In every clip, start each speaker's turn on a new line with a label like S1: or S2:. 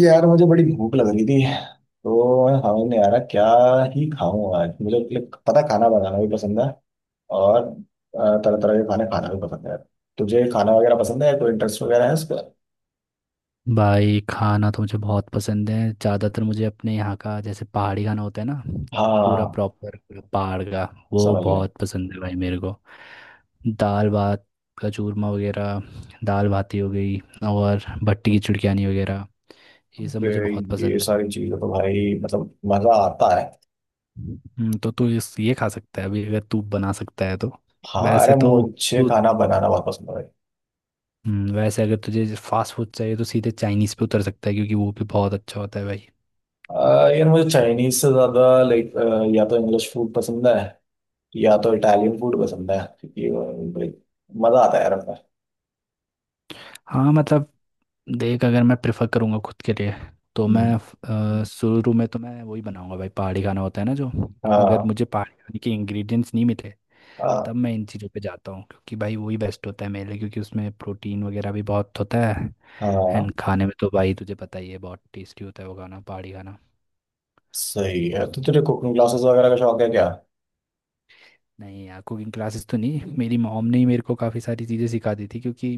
S1: यार मुझे बड़ी भूख लग रही थी। तो मैं समझ नहीं आ रहा क्या ही खाऊं आज। मुझे like, पता खाना बनाना भी पसंद है और तरह तरह के खाने खाना भी पसंद है। तुझे खाना वगैरह पसंद है, कोई इंटरेस्ट वगैरह है इसका?
S2: भाई खाना तो मुझे बहुत पसंद है। ज़्यादातर मुझे अपने यहाँ का जैसे पहाड़ी खाना होता है ना, पूरा
S1: हाँ,
S2: प्रॉपर पहाड़ का, वो
S1: समझ गया।
S2: बहुत पसंद है भाई मेरे को। दाल भात का चूरमा वगैरह, दाल भाती हो गई, और भट्टी की चुड़कानी वगैरह, ये सब
S1: अबे,
S2: मुझे बहुत
S1: ये
S2: पसंद है।
S1: सारी चीजें तो भाई मतलब मजा आता है।
S2: तो तू इस ये खा सकता है अभी, अगर तू बना सकता है तो।
S1: हाँ अरे
S2: वैसे तो
S1: मुझे
S2: तू
S1: खाना बनाना बहुत पसंद है भाई।
S2: वैसे अगर तुझे फास्ट फूड चाहिए तो सीधे चाइनीज़ पे उतर सकता है, क्योंकि वो भी बहुत अच्छा होता है भाई।
S1: यार मुझे चाइनीज से ज्यादा लाइक या तो इंग्लिश फूड पसंद है या तो इटालियन फूड पसंद है। ये like, मजा आता है यार अपना।
S2: हाँ, मतलब देख, अगर मैं प्रेफर करूँगा खुद के लिए तो मैं शुरू में तो मैं वही बनाऊंगा भाई, पहाड़ी खाना होता है ना जो। अगर
S1: हाँ
S2: मुझे पहाड़ी खाने के इंग्रेडिएंट्स नहीं मिले तब
S1: हाँ
S2: मैं इन चीज़ों पे जाता हूँ, क्योंकि भाई वही बेस्ट होता है मेरे लिए, क्योंकि उसमें प्रोटीन वगैरह भी बहुत होता है।
S1: हाँ,
S2: एंड खाने में तो भाई तुझे पता ही है, बहुत टेस्टी होता है वो खाना, पहाड़ी खाना।
S1: सही है। तो तुझे कुकिंग क्लासेस वगैरह का शौक है क्या?
S2: नहीं यार, कुकिंग क्लासेस तो नहीं, मेरी मॉम ने ही मेरे को काफ़ी सारी चीज़ें सिखा दी थी। क्योंकि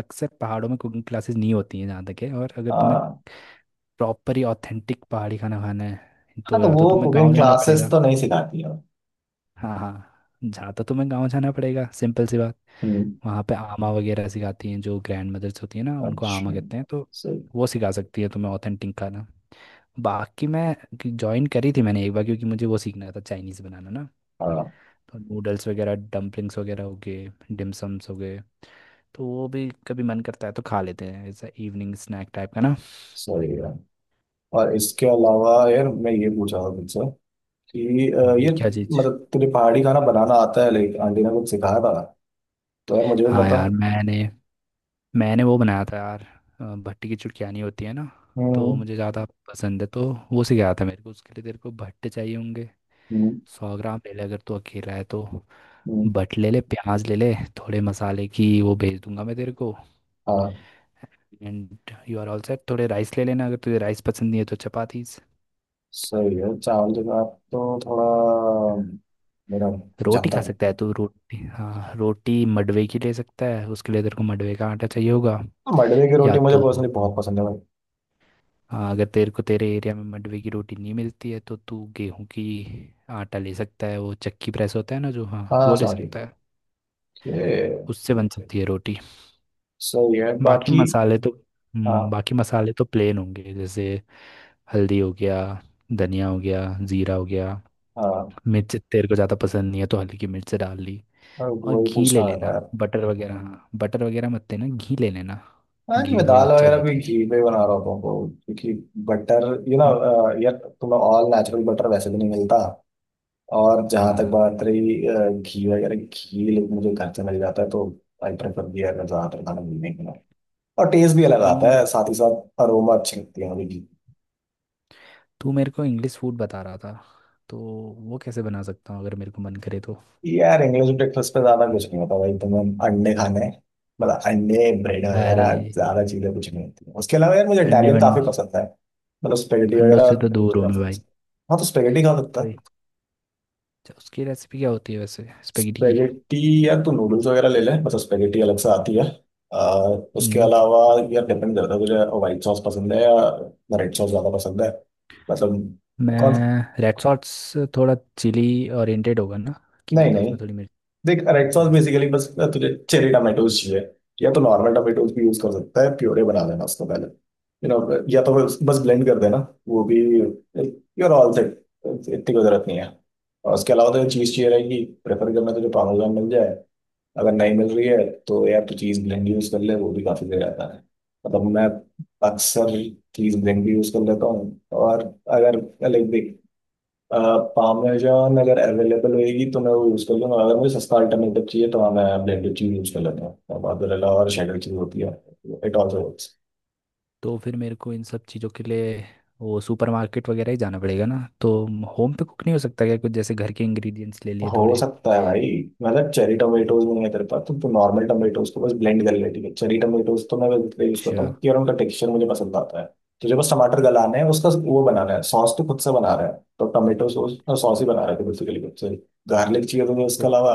S2: अक्सर पहाड़ों में कुकिंग क्लासेस नहीं होती हैं जहाँ तक है, और अगर तुम्हें
S1: हाँ
S2: प्रॉपर ही ऑथेंटिक पहाड़ी खाना खाना है
S1: हाँ,
S2: तो
S1: तो
S2: या तो
S1: वो
S2: तुम्हें
S1: कुकिंग
S2: गांव जाना
S1: क्लासेस
S2: पड़ेगा।
S1: तो नहीं सिखाती है।
S2: हाँ हाँ, जहाँ तो तुम्हें गांव जाना पड़ेगा, सिंपल सी बात।
S1: हम्म।
S2: वहाँ पे आमा वगैरह सिखाती हैं, जो ग्रैंड मदर्स होती है ना उनको आमा
S1: अच्छा।
S2: कहते हैं तो।
S1: सही।
S2: वो सिखा सकती है तुम्हें ऑथेंटिक खाना। बाकी मैं ज्वाइन करी थी मैंने एक बार, क्योंकि मुझे वो सीखना था चाइनीज़ बनाना ना।
S1: हाँ
S2: तो नूडल्स वगैरह, डम्पलिंग्स वगैरह हो गए, डिमसम्स हो गए, तो वो भी कभी मन करता है तो खा लेते हैं, ऐसा इवनिंग स्नैक टाइप का ना।
S1: सही है। और इसके अलावा यार मैं ये पूछ रहा हूँ तुझसे कि ये
S2: क्या चीज़?
S1: मतलब तुझे पहाड़ी खाना बनाना आता है, लाइक आंटी ने कुछ सिखाया था तो यार मुझे भी
S2: हाँ
S1: बता।
S2: यार, मैंने मैंने वो बनाया था यार। भट्टी की चुटकियानी होती है ना। तो
S1: हम्म।
S2: मुझे ज़्यादा पसंद है तो वो सिखाया था मेरे को। उसके लिए तेरे को भट्टे चाहिए होंगे।
S1: हम्म।
S2: 100 ग्राम ले ले, अगर तू अकेला है तो।
S1: हम्म।
S2: भट ले ले, प्याज ले ले, थोड़े मसाले की वो भेज दूंगा मैं तेरे को।
S1: हाँ
S2: and you are all set. थोड़े राइस ले लेना, अगर तुझे राइस पसंद नहीं है तो चपातीस,
S1: सही है चावल के साथ तो थोड़ा मेरा
S2: रोटी
S1: जमता
S2: खा
S1: नहीं।
S2: सकता है तू। रोटी हाँ, रोटी मडवे की ले सकता है, उसके लिए तेरे को मडवे का आटा चाहिए होगा।
S1: हाँ, मडवे की
S2: या
S1: रोटी मुझे
S2: तो
S1: पर्सनली बहुत पसंद है।
S2: हाँ, अगर तेरे को तेरे एरिया में मंडवे की रोटी नहीं मिलती है तो तू गेहूं की आटा ले सकता है, वो चक्की प्रेस होता है ना जो, हाँ
S1: हाँ
S2: वो ले
S1: सॉरी।
S2: सकता है।
S1: ये
S2: उससे बन सकती है रोटी।
S1: सही है
S2: बाकी
S1: बाकी।
S2: मसाले तो हम्म,
S1: हाँ
S2: बाकी मसाले तो प्लेन होंगे, जैसे हल्दी हो गया, धनिया हो गया, जीरा हो गया,
S1: हाँ
S2: मिर्च तेरे को ज़्यादा पसंद नहीं है तो हल्की मिर्च डाल ली।
S1: हाँ,
S2: और
S1: वही
S2: घी ले
S1: पूछना रहता है
S2: लेना,
S1: यार।
S2: बटर वगैरह, हाँ बटर वगैरह मत लेना, घी ले लेना।
S1: हाँ नहीं
S2: घी
S1: मैं
S2: थोड़ा
S1: दाल
S2: अच्छा
S1: वगैरह
S2: जाता
S1: भी
S2: है
S1: घी
S2: इसमें।
S1: पे बना रहा होता हूँ तो क्योंकि बटर यू ना
S2: हम्म,
S1: यार तुम्हें ऑल नेचुरल बटर वैसे भी नहीं मिलता। और जहाँ तक
S2: हाँ,
S1: बात रही घी वगैरह घी लेकिन मुझे घर से मिल जाता है तो आई प्रेफर घी अगर ज़्यादातर खाना मिलने के लिए। और टेस्ट भी अलग
S2: तू
S1: आता
S2: मेरे
S1: है साथ ही साथ अरोमा अच्छी लगती है मुझे।
S2: तू मेरे को इंग्लिश फूड बता रहा था, तो वो कैसे बना सकता हूँ अगर मेरे को मन करे तो।
S1: यार इंग्लिश ब्रेकफास्ट पे ज्यादा कुछ नहीं होता भाई तुम्हें अंडे खाने हैं। मतलब अंडे ब्रेड
S2: अरे,
S1: वगैरह ज्यादा चीजें कुछ नहीं होती। उसके अलावा यार मुझे
S2: अंडे
S1: इटालियन
S2: वन,
S1: काफी पसंद है। मतलब स्पेगेटी
S2: अंडों
S1: वगैरह
S2: से तो
S1: मुझे
S2: दूर हूँ
S1: काफी
S2: मैं भाई।
S1: पसंद है। हाँ तो स्पेगेटी खा सकता
S2: वही।
S1: है।
S2: अच्छा, उसकी रेसिपी क्या होती है वैसे स्पेगेटी की?
S1: स्पेगेटी, यार तू नूडल्स वगैरह ले ले, मतलब स्पेगेटी अलग से आती है। आ, उसके
S2: हम्म,
S1: अलावा यार डिपेंड करता है तुझे व्हाइट सॉस पसंद है या रेड सॉस ज्यादा पसंद है। मतलब कौन।
S2: मैं रेड सॉस, थोड़ा चिली ओरिएंटेड होगा ना, कि
S1: नहीं
S2: मतलब
S1: नहीं,
S2: उसमें थोड़ी मिर्च।
S1: देख रेड
S2: अच्छा
S1: सॉस
S2: ऐसा।
S1: बेसिकली बस तुझे चेरी टमाटोज चाहिए। या तो नॉर्मल टमाटोज भी यूज कर सकता है, प्योरे बना लेना उसको पहले यू नो या तो बस बस ब्लेंड कर देना वो भी, यूर ऑल सेट। इतनी कोई जरूरत नहीं है। और उसके अलावा तो चीज़ चाहिए रहेगी, प्रेफर करना तुझे पार्मेजान मिल जाए। अगर नहीं मिल रही है तो यार तू चीज़ ब्लेंड यूज कर ले, वो भी काफ़ी सही रहता है। मतलब मैं अक्सर चीज़ ब्लेंड भी यूज कर लेता हूँ। और अगर लाइक देख पामेजान अगर अवेलेबल होएगी तो मैं वो यूज़ कर लूंगा। अगर मुझे सस्ता अल्टरनेटिव चाहिए तो हाँ मैं ब्लेंडेड चीज़ यूज़ कर लेता हूँ, मोज़रेला और शेडर चीज़ होती है। It also works.
S2: तो फिर मेरे को इन सब चीज़ों के लिए वो सुपरमार्केट वगैरह ही जाना पड़ेगा ना तो? होम पे कुक नहीं हो सकता क्या, कुछ जैसे घर के इंग्रेडिएंट्स ले लिए
S1: हो
S2: थोड़े?
S1: सकता है भाई। मतलब चेरी टोमेटोज नहीं है तेरे पास तो नॉर्मल टोमेटोज को बस ब्लेंड कर ले ठीक है। चेरी टोमेटोज तो मैं यूज़ करता
S2: अच्छा।
S1: हूँ क्योंकि यार उनका टेक्सचर मुझे पसंद आता है। तुझे बस टमाटर गलाना है उसका वो बनाना है सॉस, तो खुद से बना रहा है। तो टोमेटो सॉस सॉस ही बना रहा है बेसिकली खुद से। गार्लिक चाहिए तो उसके अलावा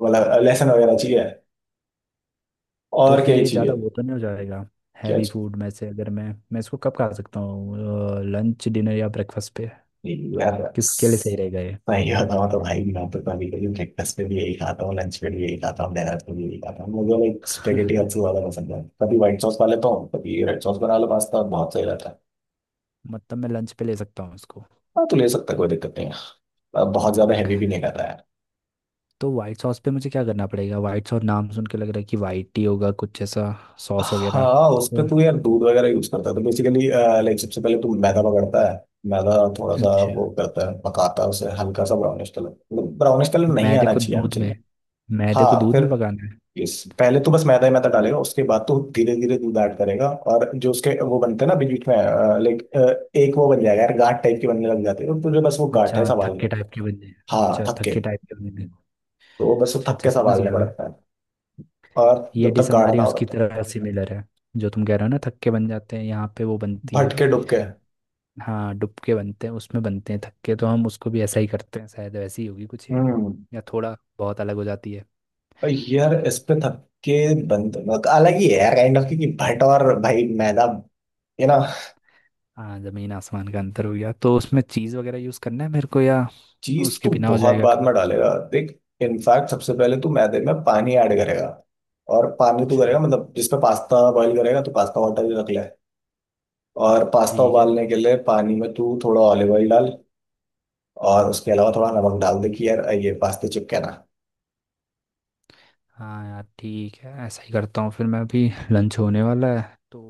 S1: वाला लहसुन वगैरह चाहिए।
S2: तो
S1: और क्या
S2: फिर
S1: ही
S2: ये
S1: चाहिए?
S2: ज़्यादा वो तो नहीं हो जाएगा,
S1: क्या?
S2: हैवी फूड में से? अगर मैं मैं इसको कब खा सकता हूँ, लंच डिनर या ब्रेकफास्ट पे?
S1: यही यार,
S2: किसके लिए सही रहेगा ये?
S1: सही होता हूँ तो भाई मैं तो कभी कभी ब्रेकफास्ट पे भी यही खाता हूँ, लंच पे भी यही खाता हूँ, डिनर पे भी यही खाता हूँ। मुझे लाइक स्पेगेटी सबसे ज्यादा पसंद है। कभी व्हाइट सॉस खा लेता हूँ कभी रेड सॉस बना लो, पास्ता बहुत सही रहता है।
S2: मतलब मैं लंच पे ले सकता हूँ इसको?
S1: हाँ तो ले सकता है, कोई दिक्कत नहीं है। अब बहुत ज्यादा हैवी भी नहीं खाता यार।
S2: तो वाइट सॉस पे मुझे क्या करना पड़ेगा? वाइट सॉस नाम सुन के लग रहा है कि वाइट ही होगा कुछ ऐसा, सॉस वगैरह
S1: हाँ उस पे
S2: तो।
S1: तू यार दूध वगैरह यूज करता है तो बेसिकली लाइक सबसे पहले तू मैदा पकड़ता है। मैदा थोड़ा सा
S2: अच्छा,
S1: वो करता है पकाता है उसे हल्का सा ब्राउनिश कलर, मतलब ब्राउनिश कलर नहीं
S2: मैदे
S1: आना
S2: को
S1: चाहिए
S2: दूध
S1: एक्चुअली।
S2: में मैदे को
S1: हाँ
S2: दूध में
S1: फिर
S2: पकाना है।
S1: यस, पहले तो बस मैदा ही मैदा डालेगा, उसके बाद तो धीरे धीरे दूध ऐड करेगा और जो उसके वो बनते हैं ना बीच बीच में, लाइक एक वो बन जाएगा यार गांठ टाइप के बनने लग जाते हैं तो तुझे बस वो गांठ है
S2: अच्छा थक्के
S1: संभालने।
S2: टाइप के बन जाए?
S1: हाँ थक्के, तो वो बस वो
S2: अच्छा
S1: थक्के
S2: अच्छा, समझ
S1: संभालने
S2: गया मैं।
S1: पड़ता है। और
S2: ये
S1: जब तक
S2: डिश
S1: गाढ़ा
S2: हमारी
S1: ना हो तब
S2: उसकी
S1: तक।
S2: तरह सिमिलर है, जो तुम कह रहे हो ना, थक्के बन जाते हैं, यहाँ पे वो बनती है।
S1: भटके डुबके।
S2: हाँ, डुबके बनते हैं, उसमें बनते हैं थक्के, तो हम उसको भी ऐसा ही करते हैं शायद, वैसी ही होगी कुछ ये,
S1: हम्म।
S2: या थोड़ा बहुत अलग हो जाती है।
S1: और यार इस पे थक्के बंद अलग ही है यार काइंड ऑफ, क्योंकि भट और भाई मैदा ये ना।
S2: हाँ। जमीन आसमान का अंतर हो गया। तो उसमें चीज़ वगैरह यूज़ करना है मेरे को, या
S1: चीज
S2: उसके
S1: तो
S2: बिना हो
S1: बहुत
S2: जाएगा
S1: बाद में
S2: काम?
S1: डालेगा देख, इनफैक्ट सबसे पहले तू मैदे में पानी ऐड करेगा। और पानी तो
S2: अच्छा
S1: करेगा मतलब जिसमें पास्ता बॉईल करेगा तो पास्ता वाटर भी रख ले। और पास्ता
S2: ठीक है।
S1: उबालने के लिए पानी में तू थोड़ा ऑलिव ऑयल डाल। और उसके अलावा थोड़ा नमक डाल दे कि यार ये पास्ते चिपके ना।
S2: हाँ यार ठीक है, ऐसा ही करता हूँ फिर मैं। अभी लंच होने वाला है तो,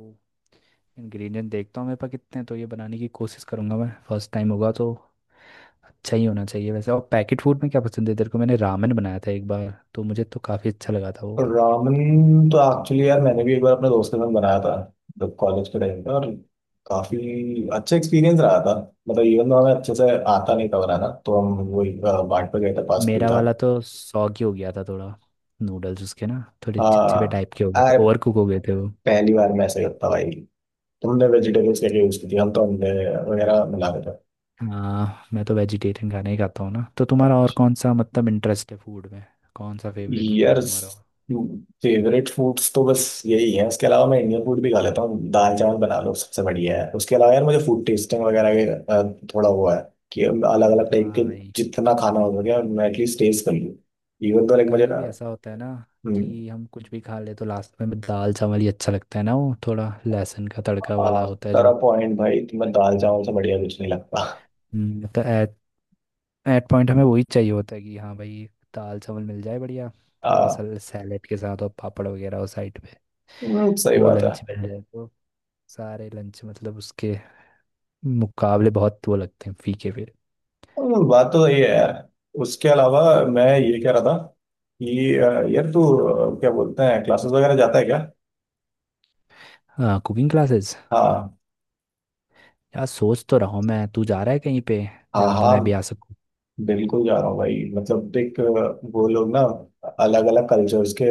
S2: इंग्रेडिएंट देखता हूँ मेरे पास कितने हैं, तो ये बनाने की कोशिश करूँगा मैं, फर्स्ट टाइम होगा तो अच्छा ही होना चाहिए वैसे। और पैकेट फूड में क्या पसंद है तेरे को? मैंने रामेन बनाया था एक बार, तो मुझे तो काफ़ी अच्छा लगा था वो।
S1: रामन तो एक्चुअली यार मैंने भी एक बार अपने दोस्त के साथ बनाया था जब कॉलेज के टाइम पे, और काफी अच्छा एक्सपीरियंस रहा था। मतलब इवन तो हमें अच्छे से आता नहीं था बनाना, तो हम वही बाट पे गए थे पास भी
S2: मेरा
S1: था।
S2: वाला तो सौ की हो गया था थोड़ा, नूडल्स उसके ना थोड़े चिपचिपे
S1: हाँ
S2: टाइप के हो गए थे,
S1: यार,
S2: ओवर कुक हो गए थे वो।
S1: पहली बार मैं ऐसे करता भाई। तुमने वेजिटेबल्स क्या यूज की थी? हम तो अंडे वगैरह मिला रहे थे।
S2: हाँ, मैं तो वेजिटेरियन खाना ही खाता हूँ ना। तो तुम्हारा और कौन सा मतलब इंटरेस्ट है फूड में? कौन सा फेवरेट फूड है
S1: यार
S2: तुम्हारा और?
S1: फेवरेट फूड्स तो बस यही है। उसके अलावा मैं इंडियन फूड भी खा लेता हूँ, दाल चावल बना लो सबसे बढ़िया है। उसके अलावा यार मुझे फूड टेस्टिंग वगैरह का थोड़ा हुआ है कि अलग अलग टाइप के
S2: हाँ भाई,
S1: जितना खाना हो सके मैं एटलीस्ट टेस्ट कर लूँ। इवन तो लाइक मुझे
S2: कभी कभी ऐसा होता है ना कि हम कुछ भी खा ले तो लास्ट में दाल चावल ही अच्छा लगता है ना, वो थोड़ा लहसुन का तड़का वाला होता है
S1: आफ्टर
S2: जो।
S1: पॉइंट भाई तुम्हें दाल चावल से बढ़िया कुछ नहीं लगता।
S2: तो एट एट पॉइंट हमें वही चाहिए होता है, कि हाँ भाई दाल चावल मिल जाए बढ़िया। थोड़ा
S1: आ,
S2: सा सैलेड के साथ, और पापड़ वगैरह हो साइड,
S1: सही
S2: वो
S1: बात है।
S2: लंच मिल जाए तो, सारे लंच मतलब उसके मुकाबले बहुत वो लगते हैं फीके फिर।
S1: बात तो ये है यार। उसके अलावा मैं ये कह रहा था कि यार तू क्या बोलते हैं क्लासेस वगैरह जाता है क्या?
S2: हाँ कुकिंग क्लासेस,
S1: हाँ
S2: यार सोच तो रहा हूँ मैं। तू जा रहा है कहीं पे
S1: हाँ
S2: जहाँ पे
S1: हाँ
S2: मैं भी आ सकूँ?
S1: बिल्कुल जा रहा हूँ भाई। मतलब देख वो लोग ना अलग अलग कल्चर्स के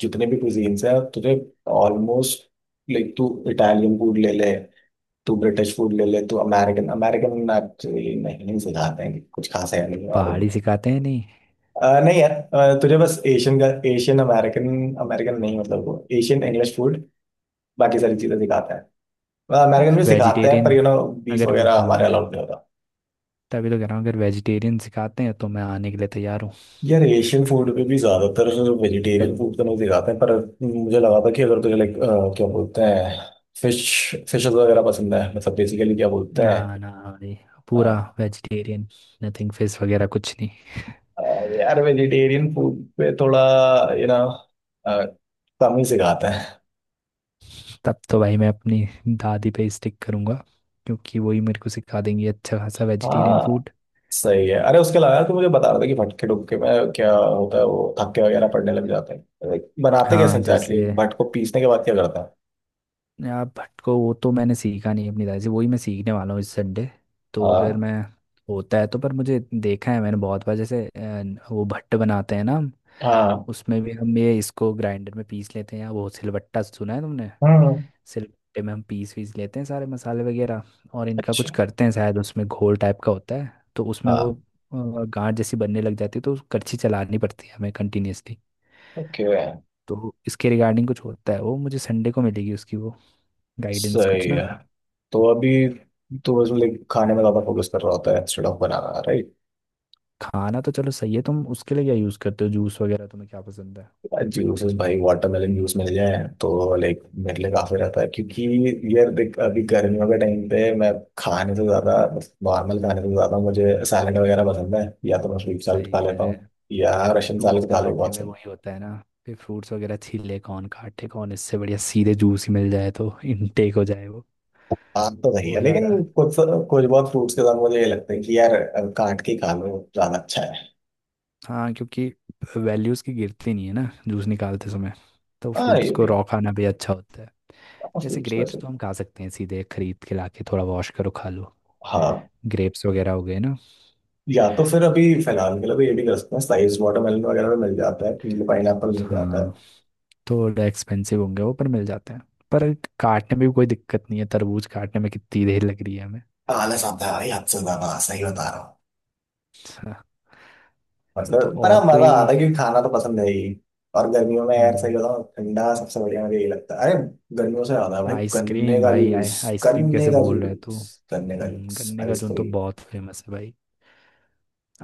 S1: जितने भी कुजीन्स हैं तुझे ऑलमोस्ट लाइक तू इटालियन फूड ले ले, तू ब्रिटिश फूड ले ले, तू अमेरिकन अमेरिकन एक्चुअली नहीं नहीं सिखाते हैं कुछ खास है नहीं। और
S2: पहाड़ी सिखाते हैं नहीं?
S1: नहीं यार तुझे बस एशियन का एशियन अमेरिकन अमेरिकन नहीं मतलब वो एशियन इंग्लिश फूड बाकी सारी चीजें सिखाते हैं। अमेरिकन
S2: अगर
S1: भी सिखाते हैं पर
S2: वेजिटेरियन,
S1: बीफ
S2: अगर
S1: वगैरह
S2: हाँ,
S1: हमारे अलाउड नहीं।
S2: तभी तो कह रहा हूँ, अगर वेजिटेरियन सिखाते हैं तो मैं आने के लिए तैयार हूँ।
S1: यार एशियन फूड पे भी ज्यादातर वेजिटेरियन फूड तो नहीं दिखाते हैं पर मुझे लगा था कि अगर तुझे लाइक क्या बोलते हैं फिश फिशेस वगैरह पसंद है मतलब बेसिकली क्या बोलते
S2: ना
S1: हैं।
S2: ना भाई, पूरा
S1: अ,
S2: वेजिटेरियन, नथिंग, फिश वगैरह कुछ नहीं।
S1: अ, यार वेजिटेरियन फूड पे थोड़ा यू नो कम ही सिखाते हैं।
S2: तब तो भाई मैं अपनी दादी पे स्टिक करूँगा, क्योंकि वही मेरे को सिखा देंगी अच्छा खासा वेजिटेरियन
S1: हाँ
S2: फूड।
S1: सही है। अरे उसके अलावा तो मुझे बता रहा था कि भटके डुबके में क्या होता है वो थक्के वगैरह पड़ने लग जाते हैं। Like, बनाते कैसे
S2: हाँ
S1: एग्जैक्टली
S2: जैसे,
S1: भट को पीसने के बाद क्या करता है?
S2: यार भट को वो तो मैंने सीखा नहीं अपनी दादी से, वही मैं सीखने वाला हूँ इस संडे। तो अगर
S1: हाँ
S2: मैं होता है तो, पर मुझे देखा है मैंने बहुत बार, जैसे वो भट्ट बनाते हैं ना।
S1: हाँ।
S2: उसमें भी हम ये इसको ग्राइंडर में पीस लेते हैं, या वो सिलबट्टा सुना है तुमने?
S1: हम्म।
S2: सिलबट्टे में हम पीस वीस लेते हैं सारे मसाले वगैरह, और इनका
S1: अच्छा।
S2: कुछ करते हैं शायद, उसमें घोल टाइप का होता है, तो उसमें
S1: हाँ।
S2: वो गांठ जैसी बनने लग जाती है, तो करछी चलानी पड़ती है हमें कंटिन्यूअसली।
S1: ओके।
S2: तो इसके रिगार्डिंग कुछ होता है, वो मुझे संडे को मिलेगी उसकी वो गाइडेंस
S1: सही
S2: कुछ ना।
S1: है। तो अभी तो बस लाइक खाने में ज्यादा फोकस कर रहा होता है इंस्टेड ऑफ बनाना, राइट?
S2: खाना तो चलो सही है। तुम उसके लिए क्या यूज़ करते हो, जूस वगैरह तुम्हें क्या पसंद है?
S1: जूसेस भाई वाटरमेलन जूस मिल जाए तो लाइक मेरे लिए काफी रहता है क्योंकि यार देख अभी गर्मियों के टाइम पे मैं खाने से ज्यादा, नॉर्मल खाने से ज्यादा मुझे सैलड वगैरह पसंद है। या तो मैं स्वीट सैलड
S2: सही
S1: खा
S2: कह
S1: लेता
S2: रहे
S1: हूँ
S2: हैं।
S1: या रशियन
S2: फ्रूट्स
S1: सैलड खा लो
S2: काटने
S1: बहुत
S2: में
S1: सही।
S2: वही होता है ना कि फ्रूट्स वगैरह छीले कौन, काटे कौन, इससे बढ़िया सीधे जूस ही मिल जाए तो इनटेक हो जाए वो
S1: आप तो सही है
S2: वो
S1: लेकिन
S2: ज़्यादा।
S1: कुछ कुछ बहुत फ्रूट्स के साथ मुझे ये लगता है कि यार काट के खा लो ज्यादा अच्छा है।
S2: हाँ, क्योंकि वैल्यूज़ की गिरती नहीं है ना जूस निकालते समय, तो
S1: हाँ
S2: फ्रूट्स
S1: ये
S2: को
S1: भी है।
S2: रॉ खाना भी अच्छा होता है। जैसे
S1: फ्रूट्स
S2: ग्रेप्स
S1: वैसे
S2: तो हम खा सकते हैं सीधे, खरीद के लाके थोड़ा वॉश करो खा लो,
S1: हाँ।
S2: ग्रेप्स वगैरह हो गए ना।
S1: या तो फिर अभी फिलहाल के लिए भी ये भी कर सकते हैं। साइज वाटरमेलन वगैरह में मिल जाता है, पीले पाइन मिल जाता
S2: हाँ,
S1: है।
S2: थोड़े एक्सपेंसिव होंगे वो पर मिल जाते हैं। पर काटने में भी कोई दिक्कत नहीं है, तरबूज काटने में कितनी देर लग रही है हमें।
S1: आलस आता है भाई हद से ज्यादा, सही बता रहा हूँ।
S2: हाँ, तो
S1: मतलब पर हाँ,
S2: और
S1: मजा
S2: कोई?
S1: आता है क्योंकि खाना तो पसंद है ही। और गर्मियों में यार सही
S2: हम्म,
S1: बताऊँ ठंडा सबसे बढ़िया मुझे यही लगता है। अरे गर्मियों से ज्यादा भाई गन्ने
S2: आइसक्रीम
S1: का
S2: भाई,
S1: जूस।
S2: आइसक्रीम
S1: गन्ने
S2: कैसे
S1: का
S2: भूल रहे तू।
S1: जूस, गन्ने का जूस,
S2: गन्ने का जून तो
S1: आइसक्रीम।
S2: बहुत फेमस है भाई।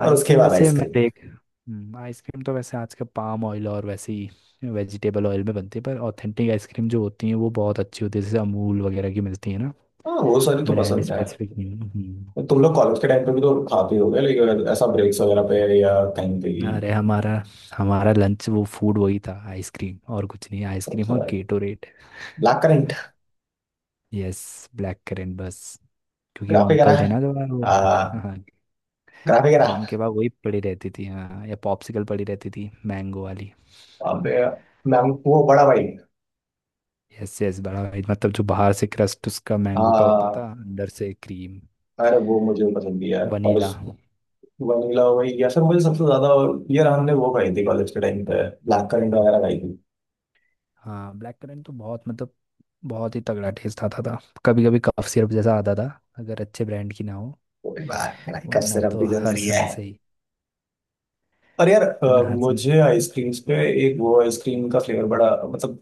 S1: और उसके
S2: आइसक्रीम
S1: बाद
S2: वैसे मैं
S1: आइसक्रीम।
S2: देख, आइसक्रीम तो वैसे आज के पाम ऑयल और वैसे ही वेजिटेबल ऑयल में बनती है, पर ऑथेंटिक आइसक्रीम जो होती है वो बहुत अच्छी होती है, जैसे अमूल वगैरह की मिलती है ना।
S1: हाँ वो सारी तो
S2: ब्रांड
S1: पसंद है।
S2: स्पेसिफिक नहीं है।
S1: तो तुम लोग कॉलेज के टाइम पे भी तो खाते ही होगे लेकिन ऐसा ब्रेक्स वगैरह पे या कहीं पे भी?
S2: अरे हमारा हमारा लंच वो फूड वही था, आइसक्रीम और कुछ नहीं, आइसक्रीम
S1: सबसे
S2: और Gatorade.
S1: Black currant.
S2: Yes, black currant बस। क्योंकि वो
S1: ग्राफे करा
S2: अंकल थे ना
S1: ग्राफिकरा।
S2: जो वो, हाँ, वो उनके पास वही पड़ी रहती थी, हाँ, या पॉप्सिकल पड़ी रहती थी मैंगो वाली।
S1: मैं वो बड़ा भाई।
S2: यस यस, बड़ा भाई मतलब, जो बाहर से क्रस्ट उसका मैंगो का होता
S1: हाँ
S2: था, अंदर से क्रीम,
S1: अरे वो मुझे पसंद भी है यार और उस
S2: वनीला।
S1: वनीला वही या सर मुझे सबसे ज्यादा। यार हमने वो खाई थी कॉलेज के टाइम पे ब्लैक करंट वगैरह खाई थी।
S2: हाँ, ब्लैक करंट तो बहुत, मतलब बहुत ही तगड़ा टेस्ट आता था, कभी कभी कफ सिरप जैसा आता था अगर अच्छे ब्रांड की ना हो।
S1: कोई बात नहीं, कब
S2: वरना
S1: सिर्फ
S2: तो
S1: भी
S2: हर
S1: जरूरी है।
S2: समय से ही।
S1: और यार
S2: वरना हर समय।
S1: मुझे आइसक्रीम्स पे एक वो आइसक्रीम का फ्लेवर बड़ा मतलब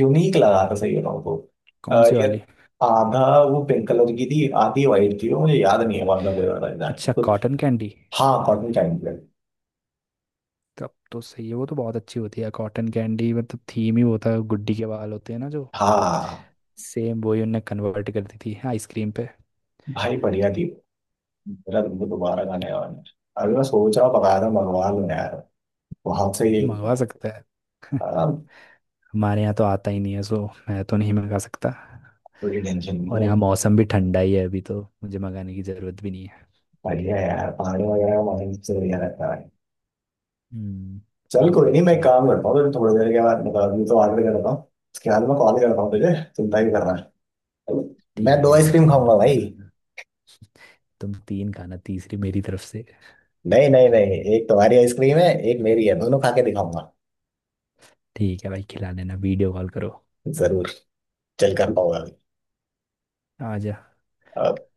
S1: यूनिक लगा था सही बताऊं तो।
S2: कौन सी
S1: यार
S2: वाली?
S1: आधा वो पिंक कलर की थी आधी वाइट थी वो मुझे याद नहीं है कौन सा फ्लेवर था एग्जैक्टली
S2: अच्छा,
S1: कुछ।
S2: Cotton candy.
S1: हाँ कॉटन कैंडी।
S2: तब तो सही है, वो तो बहुत अच्छी होती है कॉटन कैंडी, मतलब थीम ही होता है गुड्डी के बाल होते हैं ना जो,
S1: हाँ
S2: सेम वही उनने कन्वर्ट कर दी थी आइसक्रीम पे।
S1: भाई बढ़िया थी। मेरा तुमको दोबारा गाने वाला है। अभी मैं सोच रहा हूँ पका रहा मंगवा लूँ यार वहां से ही।
S2: मंगवा सकता है।
S1: आ,
S2: हमारे यहाँ तो आता ही नहीं है सो, मैं तो नहीं मंगा सकता।
S1: कोई टेंशन नहीं
S2: और
S1: है।
S2: यहाँ मौसम भी ठंडा ही है अभी, तो मुझे मंगाने की ज़रूरत भी नहीं है।
S1: बढ़िया है यार पानी वगैरह हमारे से बढ़िया रहता है।
S2: हम्म।
S1: चल
S2: काफ़ी
S1: कोई नहीं मैं
S2: अच्छा
S1: एक
S2: भाई।
S1: काम करता हूँ फिर थोड़ी देर के बाद, मतलब अभी तो ऑर्डर करता हूँ। उसके बाद मैं कॉल करता हूँ तुझे, चिंता ही कर रहा है। मैं
S2: ठीक
S1: दो
S2: है भाई,
S1: आइसक्रीम
S2: चलो मेरे
S1: खाऊंगा
S2: को
S1: भाई।
S2: बताना। तुम तीन खाना, तीसरी मेरी तरफ से।
S1: नहीं नहीं नहीं एक तुम्हारी आइसक्रीम है एक मेरी है दोनों खा के दिखाऊंगा।
S2: ठीक है भाई, खिला लेना, वीडियो कॉल करो।
S1: जरूर। चल कर पाऊंगा
S2: आ जा।
S1: अभी।